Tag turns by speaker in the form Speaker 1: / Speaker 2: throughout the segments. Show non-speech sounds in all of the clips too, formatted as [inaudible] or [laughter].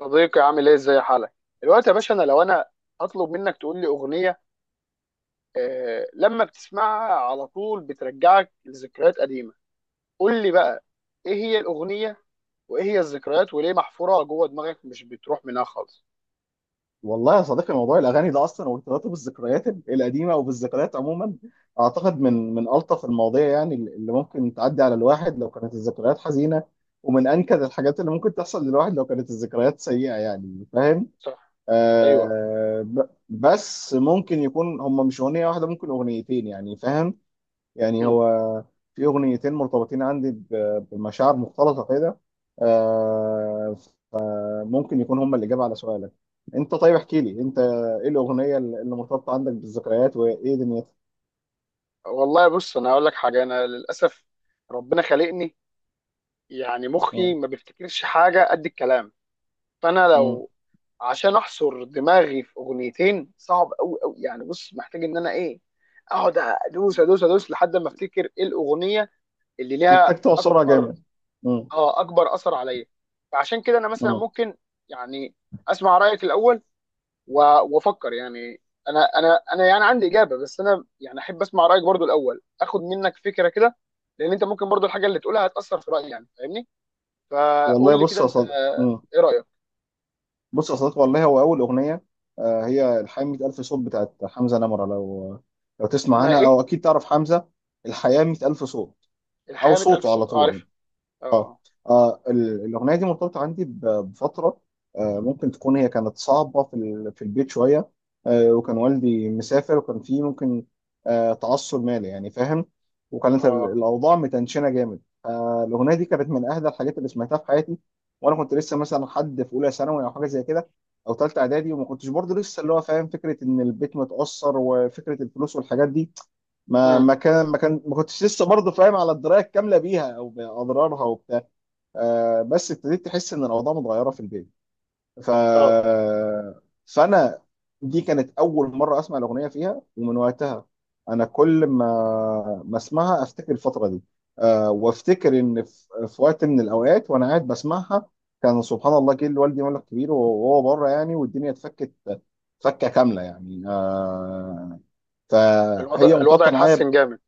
Speaker 1: صديقي، عامل ايه؟ ازاي حالك دلوقتي يا باشا؟ انا لو انا هطلب منك تقول لي اغنيه لما بتسمعها على طول بترجعك لذكريات قديمه، قول لي بقى ايه هي الاغنيه، وايه هي الذكريات، وليه محفوره جوه دماغك مش بتروح منها خالص؟
Speaker 2: والله يا صديقي، موضوع الاغاني ده اصلا وارتباطه بالذكريات القديمه وبالذكريات عموما اعتقد من الطف المواضيع، يعني اللي ممكن تعدي على الواحد لو كانت الذكريات حزينه، ومن انكد الحاجات اللي ممكن تحصل للواحد لو كانت الذكريات سيئه، يعني فاهم.
Speaker 1: صح. ايوه.
Speaker 2: بس ممكن يكون هم مش اغنيه واحده، ممكن اغنيتين، يعني فاهم. يعني
Speaker 1: مم.
Speaker 2: هو في اغنيتين مرتبطين عندي بمشاعر مختلطه كده. آه، ممكن يكون هم الإجابة على سؤالك. انت طيب، احكي لي انت ايه الأغنية اللي مرتبطة عندك بالذكريات وايه دنيتها؟
Speaker 1: والله بص، انا هقول لك حاجه، انا للاسف ربنا خلقني يعني مخي
Speaker 2: اه،
Speaker 1: ما بيفتكرش حاجه قد الكلام. فانا
Speaker 2: اه.
Speaker 1: لو عشان احصر دماغي في اغنيتين صعب قوي قوي، يعني بص محتاج ان انا ايه، اقعد ادوس ادوس ادوس لحد ما افتكر ايه الاغنيه اللي ليها
Speaker 2: محتاج تعصرها
Speaker 1: اكبر
Speaker 2: جامد. اه،
Speaker 1: اه اكبر اثر عليا. فعشان كده انا مثلا
Speaker 2: اه.
Speaker 1: ممكن يعني اسمع رايك الاول و- وافكر يعني، انا يعني عندي اجابه، بس انا يعني احب اسمع رايك برضو الاول، اخد منك فكره كده، لان انت ممكن برضو الحاجه اللي تقولها هتاثر في رايي، يعني فاهمني؟
Speaker 2: والله
Speaker 1: فقول لي
Speaker 2: بص
Speaker 1: كده
Speaker 2: يا
Speaker 1: انت.
Speaker 2: صديق، اه.
Speaker 1: ايه رايك؟
Speaker 2: بص يا صديق، والله هو أول أغنية، هي الحياة 100,000 ألف صوت بتاعت حمزة نمرة. لو تسمع
Speaker 1: اسمها
Speaker 2: عنها،
Speaker 1: ايه؟
Speaker 2: أو أكيد تعرف حمزة. الحياة 100,000 ألف صوت، أو
Speaker 1: الحياة 100000
Speaker 2: صوته على
Speaker 1: صوت.
Speaker 2: طول يعني.
Speaker 1: عارف.
Speaker 2: اه.
Speaker 1: اه.
Speaker 2: الاغنيه دي مرتبطه عندي بفتره، ممكن تكون هي كانت صعبه في البيت شويه. وكان والدي مسافر وكان فيه ممكن تعثر مالي، يعني فاهم.
Speaker 1: اه.
Speaker 2: وكانت
Speaker 1: اه.
Speaker 2: الاوضاع متنشنه جامد. الاغنيه دي كانت من اهدى الحاجات اللي سمعتها في حياتي، وانا كنت لسه مثلا حد في اولى ثانوي او حاجه زي كده، او ثالثه اعدادي، وما كنتش برضه لسه اللي هو فاهم فكره ان البيت متاثر وفكره الفلوس والحاجات دي. ما
Speaker 1: امم.
Speaker 2: ما كان ما كان ما كنتش لسه برضه فاهم على الدرايه الكامله بيها او باضرارها وبتاع. بس ابتديت تحس ان الاوضاع متغيره في البيت. ف
Speaker 1: اه.
Speaker 2: فانا دي كانت اول مره اسمع الاغنيه فيها، ومن وقتها انا كل ما اسمعها افتكر الفتره دي. وافتكر ان في وقت من الاوقات وانا قاعد بسمعها، كان سبحان الله جه لوالدي مبلغ كبير وهو بره يعني والدنيا اتفكت، فكه كامله يعني. فهي
Speaker 1: الوضع
Speaker 2: مرتبطه معايا.
Speaker 1: اتحسن جامد.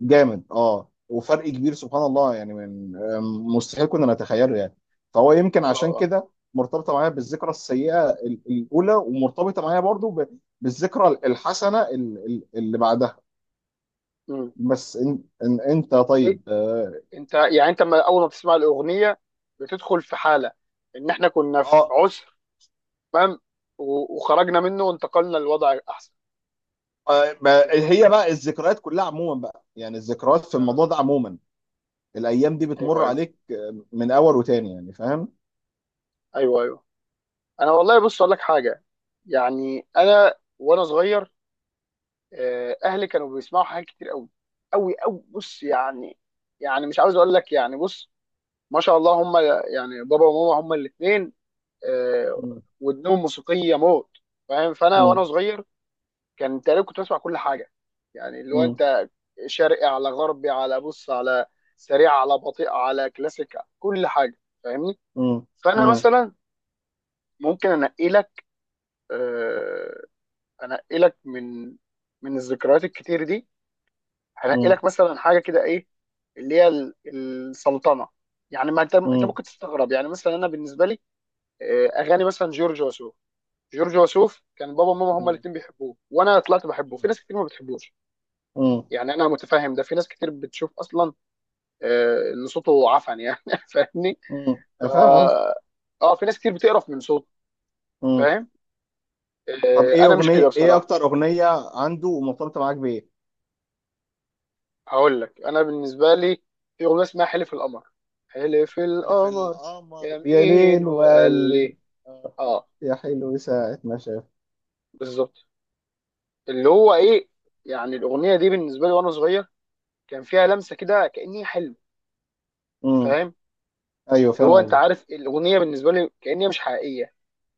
Speaker 2: جامد اه، وفرق كبير سبحان الله يعني، من آم، مستحيل كنا نتخيله يعني. فهو يمكن
Speaker 1: اه.
Speaker 2: عشان
Speaker 1: اه.
Speaker 2: كده مرتبطه معايا بالذكرى السيئه الاولى، ومرتبطه معايا برضو بالذكرى الحسنه اللي بعدها.
Speaker 1: امم.
Speaker 2: بس إن انت
Speaker 1: ايه؟
Speaker 2: طيب اه.
Speaker 1: انت ما اول ما بتسمع الأغنية بتدخل في حالة ان احنا كنا في
Speaker 2: آه،
Speaker 1: عسر، تمام، وخرجنا منه وانتقلنا لوضع احسن. بت- بت-
Speaker 2: هي بقى الذكريات كلها عموما بقى، يعني الذكريات في الموضوع ده
Speaker 1: آه،
Speaker 2: عموما الايام دي
Speaker 1: ايوه
Speaker 2: بتمر
Speaker 1: ايوه.
Speaker 2: عليك من اول وتاني، يعني فاهم؟
Speaker 1: ايوه ايوه. انا والله بص اقول لك حاجة، يعني انا وانا صغير اهلي كانوا بيسمعوا حاجات كتير قوي قوي قوي بص يعني، يعني مش عاوز اقول لك، يعني بص ما شاء الله هم، يعني بابا وماما هم الاثنين. آه،
Speaker 2: مم.
Speaker 1: ودنهم موسيقيه موت، فاهم؟ فانا
Speaker 2: مم.
Speaker 1: وانا صغير كان تقريبا كنت بسمع كل حاجه، يعني اللي هو
Speaker 2: مم.
Speaker 1: انت شرقي على غربي على بص على سريع على بطيء على كلاسيك، كل حاجه، فاهمني؟
Speaker 2: مم.
Speaker 1: فانا مثلا ممكن انقي لك، آه، انقي لك من الذكريات الكتير دي، هنقي
Speaker 2: مم.
Speaker 1: لك مثلا حاجه كده ايه، اللي هي السلطنه، يعني ما انت
Speaker 2: مم.
Speaker 1: ممكن تستغرب، يعني مثلا انا بالنسبه لي اغاني مثلا جورج وسوف. جورج وسوف كان بابا وماما هما
Speaker 2: مم.
Speaker 1: الاثنين بيحبوه، وانا طلعت بحبه في ناس كتير ما بتحبوش،
Speaker 2: مم.
Speaker 1: يعني انا متفاهم ده، في ناس كتير بتشوف اصلا ان صوته عفن يعني [laughs] فاهمني؟
Speaker 2: امم،
Speaker 1: ف
Speaker 2: انا فاهم قصدي.
Speaker 1: اه في ناس كتير بتقرف من صوته،
Speaker 2: امم.
Speaker 1: فاهم؟
Speaker 2: طب ايه
Speaker 1: انا مش
Speaker 2: اغنيه،
Speaker 1: كده
Speaker 2: ايه
Speaker 1: بصراحه.
Speaker 2: اكتر اغنيه عنده ومرتبطه معاك بايه؟
Speaker 1: هقول لك، انا بالنسبه لي في اغنيه اسمها حلف القمر. حلف
Speaker 2: ألف
Speaker 1: القمر
Speaker 2: القمر يا
Speaker 1: يمين
Speaker 2: ليل
Speaker 1: وقال
Speaker 2: وقال لي،
Speaker 1: لي.
Speaker 2: آه،
Speaker 1: اه،
Speaker 2: يا حلو ساعة ما شاف.
Speaker 1: بالظبط. اللي هو ايه، يعني الاغنيه دي بالنسبه لي وانا صغير كان فيها لمسه كده كاني حلم،
Speaker 2: امم.
Speaker 1: فاهم؟
Speaker 2: ايوه
Speaker 1: اللي
Speaker 2: فاهم
Speaker 1: هو انت
Speaker 2: قصدي.
Speaker 1: عارف الاغنيه بالنسبه لي كأن هي مش حقيقيه،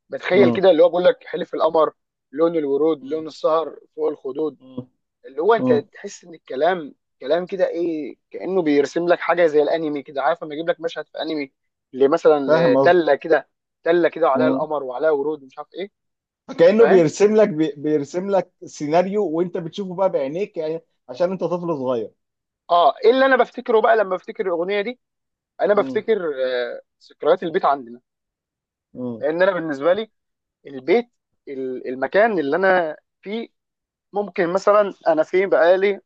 Speaker 1: بتخيل
Speaker 2: امم.
Speaker 1: كده اللي هو بيقول لك حلف القمر، لون الورود، لون
Speaker 2: امم.
Speaker 1: السهر فوق الخدود،
Speaker 2: امم.
Speaker 1: اللي هو انت
Speaker 2: أمم.
Speaker 1: تحس ان الكلام كلام كده ايه، كأنه بيرسم لك حاجه زي الانمي كده، عارف لما يجيب لك مشهد في انمي لمثلا
Speaker 2: فاهم قصدي.
Speaker 1: تله كده وعليها
Speaker 2: امم.
Speaker 1: القمر وعليها ورود مش عارف ايه،
Speaker 2: فكأنه
Speaker 1: فاهم؟
Speaker 2: بيرسم لك، بيرسم لك سيناريو، وانت بتشوفه بقى بعينيك يعني. عشان انت طفل صغير.
Speaker 1: اه. ايه اللي انا بفتكره بقى لما بفتكر الاغنيه دي؟ انا
Speaker 2: امم.
Speaker 1: بفتكر ذكريات البيت عندنا،
Speaker 2: امم.
Speaker 1: لان انا بالنسبه لي البيت، المكان اللي انا فيه، ممكن مثلا انا فين بقالي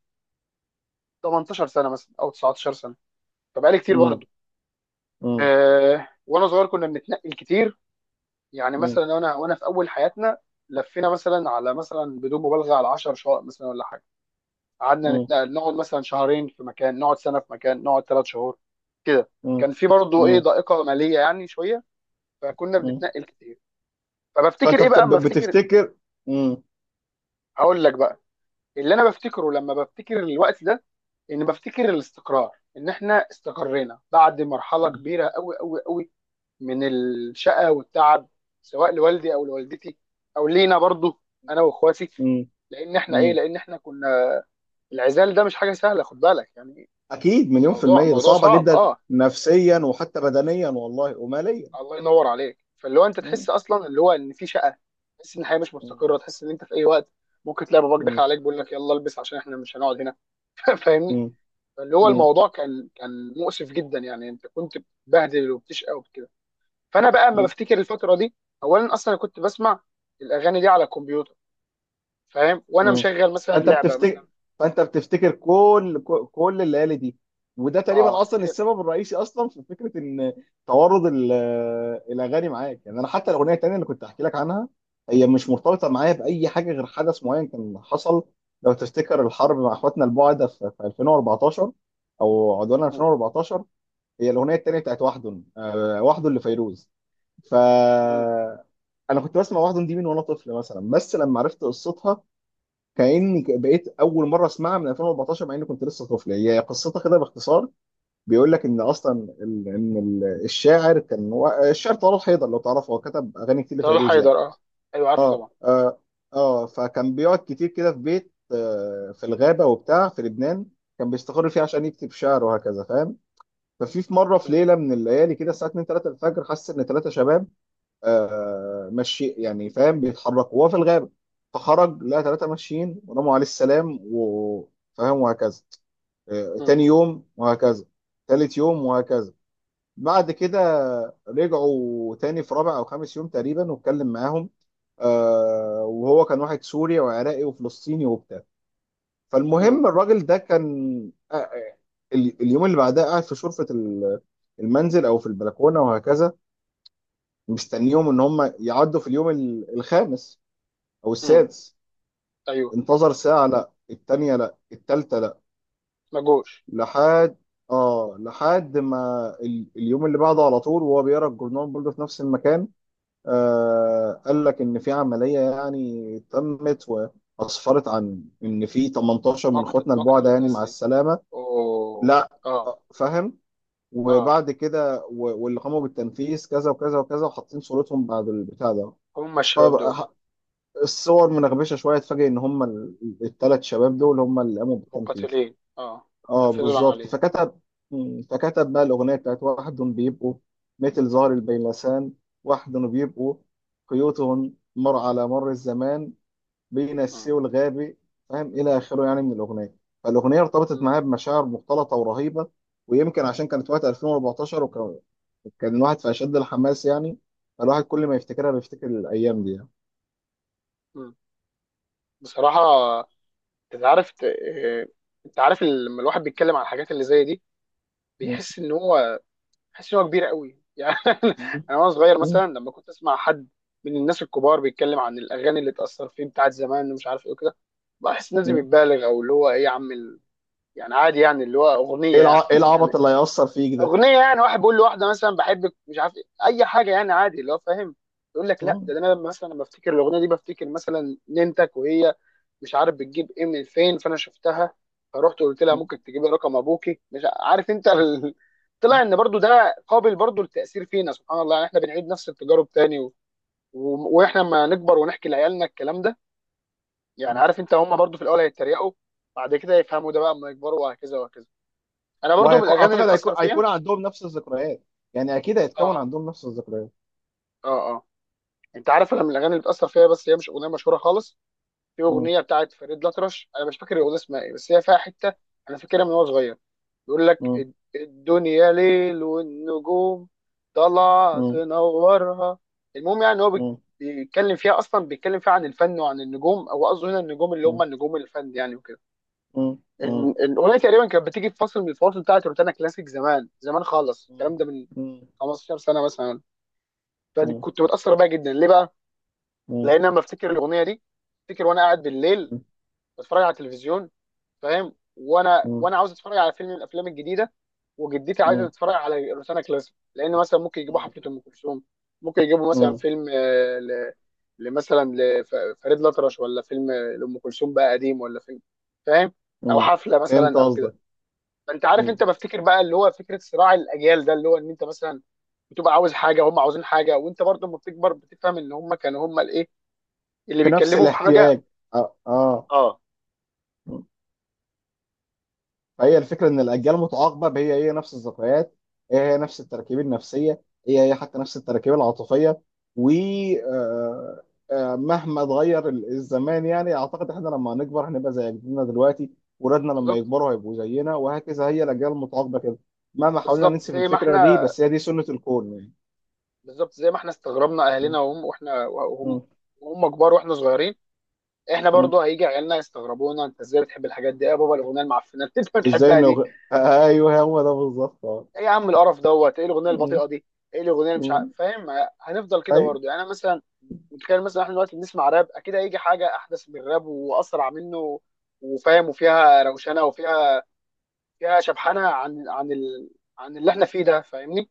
Speaker 1: 18 سنه مثلا او 19 سنه، فبقالي كتير
Speaker 2: امم.
Speaker 1: برضه. وانا صغير كنا بنتنقل كتير، يعني
Speaker 2: امم.
Speaker 1: مثلا وانا في اول حياتنا لفينا مثلا على مثلا بدون مبالغه على 10 شقق مثلا ولا حاجه، قعدنا
Speaker 2: امم.
Speaker 1: نتنقل، نقعد مثلا شهرين في مكان، نقعد سنه في مكان، نقعد 3 شهور كده،
Speaker 2: امم.
Speaker 1: كان في برضه ايه
Speaker 2: امم.
Speaker 1: ضائقه ماليه يعني شويه، فكنا
Speaker 2: أمم.
Speaker 1: بنتنقل كتير. فبفتكر
Speaker 2: فانت
Speaker 1: ايه بقى اما
Speaker 2: بت-
Speaker 1: افتكر؟
Speaker 2: بتفتكر. امم.
Speaker 1: هقول لك بقى، اللي انا بفتكره لما بفتكر الوقت ده ان بفتكر الاستقرار، ان احنا استقرينا بعد مرحله كبيره قوي قوي قوي من الشقه والتعب، سواء لوالدي او لوالدتي او لينا برضو انا واخواتي،
Speaker 2: مم.
Speaker 1: لان احنا ايه
Speaker 2: مم.
Speaker 1: لان احنا كنا، العزال ده مش حاجه سهله، خد بالك يعني.
Speaker 2: اكيد، مليون في
Speaker 1: موضوع
Speaker 2: المية، ده
Speaker 1: موضوع
Speaker 2: صعبة
Speaker 1: صعب،
Speaker 2: جدا
Speaker 1: اه.
Speaker 2: نفسيا وحتى بدنيا والله وماليا.
Speaker 1: الله ينور عليك. فاللي هو انت
Speaker 2: مم.
Speaker 1: تحس اصلا اللي هو ان في شقه، تحس ان الحياه مش
Speaker 2: مم.
Speaker 1: مستقره، تحس ان انت في اي وقت ممكن تلاقي باباك داخل
Speaker 2: مم.
Speaker 1: عليك بيقول لك يلا البس عشان احنا مش هنقعد هنا [laughs] فاهمني؟
Speaker 2: مم.
Speaker 1: اللي هو
Speaker 2: مم.
Speaker 1: الموضوع كان مؤسف جدا، يعني انت كنت بتبهدل وبتشقى وكده. فانا بقى اما
Speaker 2: مم.
Speaker 1: بفتكر الفتره دي، اولا اصلا أنا كنت بسمع الاغاني دي على الكمبيوتر، فاهم؟ وانا
Speaker 2: مم.
Speaker 1: مشغل مثلا
Speaker 2: فانت
Speaker 1: لعبه مثلا.
Speaker 2: بتفتكر، فانت بتفتكر كل الليالي دي، وده
Speaker 1: اه.
Speaker 2: تقريبا اصلا
Speaker 1: افتكر.
Speaker 2: السبب الرئيسي اصلا في فكرة ان توارد الاغاني معاك يعني. انا حتى الاغنية التانية اللي كنت احكي لك عنها، هي مش مرتبطة معايا بأي حاجة غير حدث معين كان حصل، لو تفتكر الحرب مع اخواتنا البعدة في 2014 او عدوان
Speaker 1: مم.
Speaker 2: 2014. هي الاغنيه التانيه بتاعت وحدن، وحدن لفيروز. ف
Speaker 1: مم.
Speaker 2: انا كنت بسمع وحدن دي من وانا طفل مثلا، بس لما عرفت قصتها، بقيت اول مره اسمعها من 2014 مع اني كنت لسه طفل. هي قصتها كده باختصار، بيقول لك ان اصلا الشاعر كان هو الشاعر طلال حيدر، لو تعرفه هو كتب اغاني كتير
Speaker 1: طلال
Speaker 2: لفيروز
Speaker 1: حيدر،
Speaker 2: يعني.
Speaker 1: اه ايوه، عارفه
Speaker 2: اه
Speaker 1: طبعا.
Speaker 2: اه اه. فكان بيقعد كتير كده في بيت في الغابه وبتاع في لبنان، كان بيستقر فيه عشان يكتب شعر وهكذا فاهم. ففي مره، في
Speaker 1: مم.
Speaker 2: ليله من الليالي كده الساعه 2 3 الفجر، حس ان 3 شباب ماشي يعني فاهم بيتحركوا وهو في الغابه. فخرج لقى 3 ماشيين، رموا عليه السلام وفاهم وهكذا.
Speaker 1: مم.
Speaker 2: تاني يوم وهكذا، ثالث يوم وهكذا. بعد كده رجعوا تاني في رابع او خامس يوم تقريبا واتكلم معاهم. وهو كان واحد سوري وعراقي وفلسطيني وبتاع.
Speaker 1: مم.
Speaker 2: فالمهم الراجل ده كان، آه، آه، اليوم اللي بعدها قاعد في شرفة المنزل او في البلكونة وهكذا، مستنيهم ان هم يعدوا في اليوم الخامس او
Speaker 1: مم.
Speaker 2: السادس.
Speaker 1: ايوه.
Speaker 2: انتظر ساعة لا، التانية لا، التالتة لا،
Speaker 1: مجوش.
Speaker 2: لحد، اه، لحد ما اليوم اللي بعده على طول وهو بيقرا الجورنال برضه في نفس المكان. قال لك ان في عملية يعني تمت، واسفرت عن ان في 18 من
Speaker 1: مقتل
Speaker 2: اخواتنا
Speaker 1: مقتل
Speaker 2: البعدة يعني
Speaker 1: الناس
Speaker 2: مع
Speaker 1: دي؟
Speaker 2: السلامة.
Speaker 1: اوه.
Speaker 2: لا،
Speaker 1: اه.
Speaker 2: فاهم.
Speaker 1: اه.
Speaker 2: وبعد كده، واللي قاموا بالتنفيذ كذا وكذا وكذا، وحاطين صورتهم بعد البتاع ده.
Speaker 1: هم الشباب
Speaker 2: فبقى
Speaker 1: دول؟
Speaker 2: الصور منغبشه شويه، اتفاجئ ان هم الثلاث شباب دول هم اللي قاموا بالتنفيذ.
Speaker 1: مقاتلين، اه،
Speaker 2: اه
Speaker 1: نفذوا
Speaker 2: بالظبط.
Speaker 1: العمليه.
Speaker 2: فكتب، فكتب بقى الاغنيه بتاعت: واحد بيبقوا مثل زهر البيلسان، واحد بيبقوا قيوتهم مر على مر الزمان، بين
Speaker 1: مم.
Speaker 2: السوي والغابي فاهم، الى اخره يعني من الاغنيه. فالاغنيه ارتبطت معايا
Speaker 1: مم.
Speaker 2: بمشاعر مختلطه ورهيبه، ويمكن عشان كانت وقت 2014، وكان الواحد في اشد الحماس يعني، فالواحد كل ما يفتكرها بيفتكر الايام دي يعني.
Speaker 1: مم. بصراحه، انت عارف، انت عارف لما الواحد بيتكلم عن الحاجات اللي زي دي،
Speaker 2: مم.
Speaker 1: بيحس ان هو بيحس ان هو كبير قوي يعني
Speaker 2: مم.
Speaker 1: [laughs] انا وانا صغير
Speaker 2: مم.
Speaker 1: مثلا لما كنت اسمع حد من الناس الكبار بيتكلم عن الاغاني اللي اتاثر فيه بتاعت زمان ومش عارف ايه وكده، بحس الناس دي
Speaker 2: مم.
Speaker 1: بتبالغ، او اللي هو ايه يا عم يعني عادي، يعني اللي هو اغنيه
Speaker 2: ايه الع... ايه العبط
Speaker 1: يعني
Speaker 2: اللي
Speaker 1: [laughs]
Speaker 2: هيأثر فيك ده؟
Speaker 1: اغنيه يعني واحد بيقول لواحده مثلا بحبك مش عارف إيه، اي حاجه يعني عادي، اللي هو فاهم. يقول لك لا
Speaker 2: مم.
Speaker 1: ده انا مثلا لما بفتكر الاغنيه دي بفتكر مثلا ننتك وهي مش عارف بتجيب ايه من فين، فانا شفتها فرحت قلت لها
Speaker 2: مم.
Speaker 1: ممكن تجيبي رقم ابوكي مش عارف انت
Speaker 2: مم.
Speaker 1: [laughs] طلع ان برضو ده قابل برضو للتاثير فينا سبحان الله يعني، احنا بنعيد نفس التجارب تاني واحنا لما نكبر ونحكي لعيالنا الكلام ده، يعني
Speaker 2: مم.
Speaker 1: عارف انت هم برضو في الاول هيتريقوا، بعد كده يفهموا، ده بقى اما يكبروا وهكذا وهكذا. انا برضو من
Speaker 2: وهيكون،
Speaker 1: الاغاني اللي
Speaker 2: اعتقد، هيكون
Speaker 1: اتاثر فيها.
Speaker 2: هيكون عندهم نفس الذكريات، يعني اكيد هيتكون
Speaker 1: اه.
Speaker 2: عندهم نفس الذكريات.
Speaker 1: اه. اه. انت عارف انا من الاغاني اللي بتاثر فيها، بس هي مش اغنيه مشهوره خالص، في
Speaker 2: مم.
Speaker 1: اغنيه بتاعت فريد الأطرش، انا مش فاكر الاغنيه اسمها ايه، بس هي فيها حته انا فاكرها من وانا صغير، بيقول لك
Speaker 2: مم.
Speaker 1: الدنيا ليل، والنجوم طالعه
Speaker 2: مم.
Speaker 1: تنورها. المهم يعني هو
Speaker 2: مم.
Speaker 1: بيتكلم فيها، اصلا بيتكلم فيها عن الفن وعن النجوم، او قصده هنا النجوم اللي هم
Speaker 2: مم.
Speaker 1: النجوم الفن يعني وكده.
Speaker 2: مم. مم.
Speaker 1: الاغنيه تقريبا كانت بتيجي في فصل من الفواصل بتاعت روتانا كلاسيك زمان زمان خالص، الكلام ده من
Speaker 2: مم.
Speaker 1: 15 سنه مثلا،
Speaker 2: مم.
Speaker 1: فكنت متاثر بيها جدا. ليه بقى؟
Speaker 2: مم.
Speaker 1: لان انا بفتكر الاغنيه دي، افتكر وانا قاعد بالليل
Speaker 2: مم.
Speaker 1: بتفرج على التلفزيون، فاهم؟ وانا
Speaker 2: مم.
Speaker 1: وانا عاوز اتفرج على فيلم من الافلام الجديده، وجدتي عايزه
Speaker 2: مم.
Speaker 1: تتفرج على روتانا كلاسيك، لان مثلا ممكن يجيبوا
Speaker 2: مم.
Speaker 1: حفله ام كلثوم، ممكن يجيبوا مثلا
Speaker 2: مم.
Speaker 1: فيلم لمثلا لفريد الأطرش، ولا فيلم لأم كلثوم بقى قديم، ولا فيلم، فاهم؟ او
Speaker 2: مم.
Speaker 1: حفله
Speaker 2: فهمت
Speaker 1: مثلا او
Speaker 2: قصدك.
Speaker 1: كده. فانت عارف،
Speaker 2: مم.
Speaker 1: انت بفتكر بقى اللي هو فكره صراع الاجيال ده، اللي هو ان انت مثلا بتبقى عاوز حاجه، هم عاوزين حاجه، وانت برضه لما بتكبر بتفهم ان هم كانوا هم الايه اللي
Speaker 2: في نفس
Speaker 1: بيتكلموا في حاجه.
Speaker 2: الاحتياج. اه اه.
Speaker 1: اه.
Speaker 2: مم. فهي الفكره ان الاجيال متعاقبه هي هي نفس الذكريات، هي هي نفس التراكيب النفسيه، هي هي حتى نفس التراكيب العاطفيه، و، آه، مهما اتغير الزمان، يعني اعتقد احنا لما هنكبر هنبقى زي جدنا دلوقتي، ولادنا لما
Speaker 1: بالظبط.
Speaker 2: يكبروا هيبقوا زينا وهكذا، هي الاجيال المتعاقبه كده مهما حاولنا
Speaker 1: بالظبط
Speaker 2: ننسف
Speaker 1: زي ما
Speaker 2: الفكره دي،
Speaker 1: احنا
Speaker 2: بس هي دي سنه الكون يعني.
Speaker 1: بالظبط زي ما احنا استغربنا اهلنا، وهم واحنا وهم
Speaker 2: مم.
Speaker 1: وهم كبار واحنا صغيرين، احنا
Speaker 2: مم.
Speaker 1: برضو هيجي عيالنا يستغربونا، انت ازاي بتحب الحاجات دي؟ إيه يا بابا الاغنيه المعفنه اللي انت
Speaker 2: وازاي
Speaker 1: بتحبها
Speaker 2: انه
Speaker 1: دي؟
Speaker 2: ايوه هو ده بالظبط اه.
Speaker 1: ايه يا عم القرف دوت؟ ايه الاغنيه
Speaker 2: مم.
Speaker 1: البطيئه دي؟ ايه الاغنيه اللي مش عارف
Speaker 2: مم.
Speaker 1: فاهم. هنفضل كده
Speaker 2: اي
Speaker 1: برضو، يعني انا مثلا متخيل مثلا احنا دلوقتي بنسمع راب، اكيد هيجي حاجه احدث من الراب واسرع منه، وفاهم، وفيها روشنه، وفيها شبحانه عن عن اللي احنا فيه ده، فاهمني؟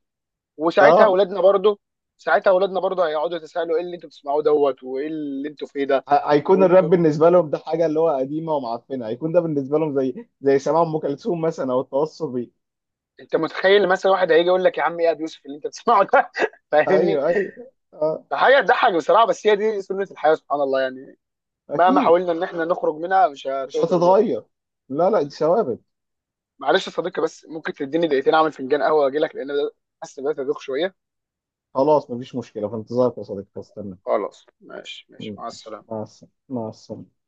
Speaker 1: وساعتها
Speaker 2: اه.
Speaker 1: اولادنا برضو ساعتها اولادنا برضو هيقعدوا يتساءلوا ايه اللي انتوا بتسمعوه دوت وايه اللي انتوا فيه ده.
Speaker 2: هيكون الراب
Speaker 1: وانتوا
Speaker 2: بالنسبه لهم ده حاجه اللي هو قديمه ومعفنه، هيكون ده بالنسبه لهم زي زي سماع ام كلثوم مثلا او التوصلي.
Speaker 1: انت متخيل مثلا واحد هيجي يقول لك يا عم ايه يا ابو يوسف اللي انت بتسمعه ده [laughs] فاهمني؟
Speaker 2: ايوه ايوه اه.
Speaker 1: فحاجه تضحك بصراحه، بس هي دي سنه الحياه سبحان الله يعني، مهما
Speaker 2: اكيد.
Speaker 1: حاولنا ان احنا نخرج منها مش
Speaker 2: مش
Speaker 1: هتقدر برضه.
Speaker 2: هتتغير. لا لا، دي ثوابت.
Speaker 1: معلش يا صديقي، بس ممكن تديني دقيقتين اعمل فنجان قهوه واجي لك، لان ده حاسس بدات ادوخ شويه.
Speaker 2: خلاص مفيش مشكله، في انتظارك يا صديقي هستنى.
Speaker 1: خلاص، ماشي ماشي،
Speaker 2: مم.
Speaker 1: مع السلامه.
Speaker 2: مع السلامه، مع السلامه.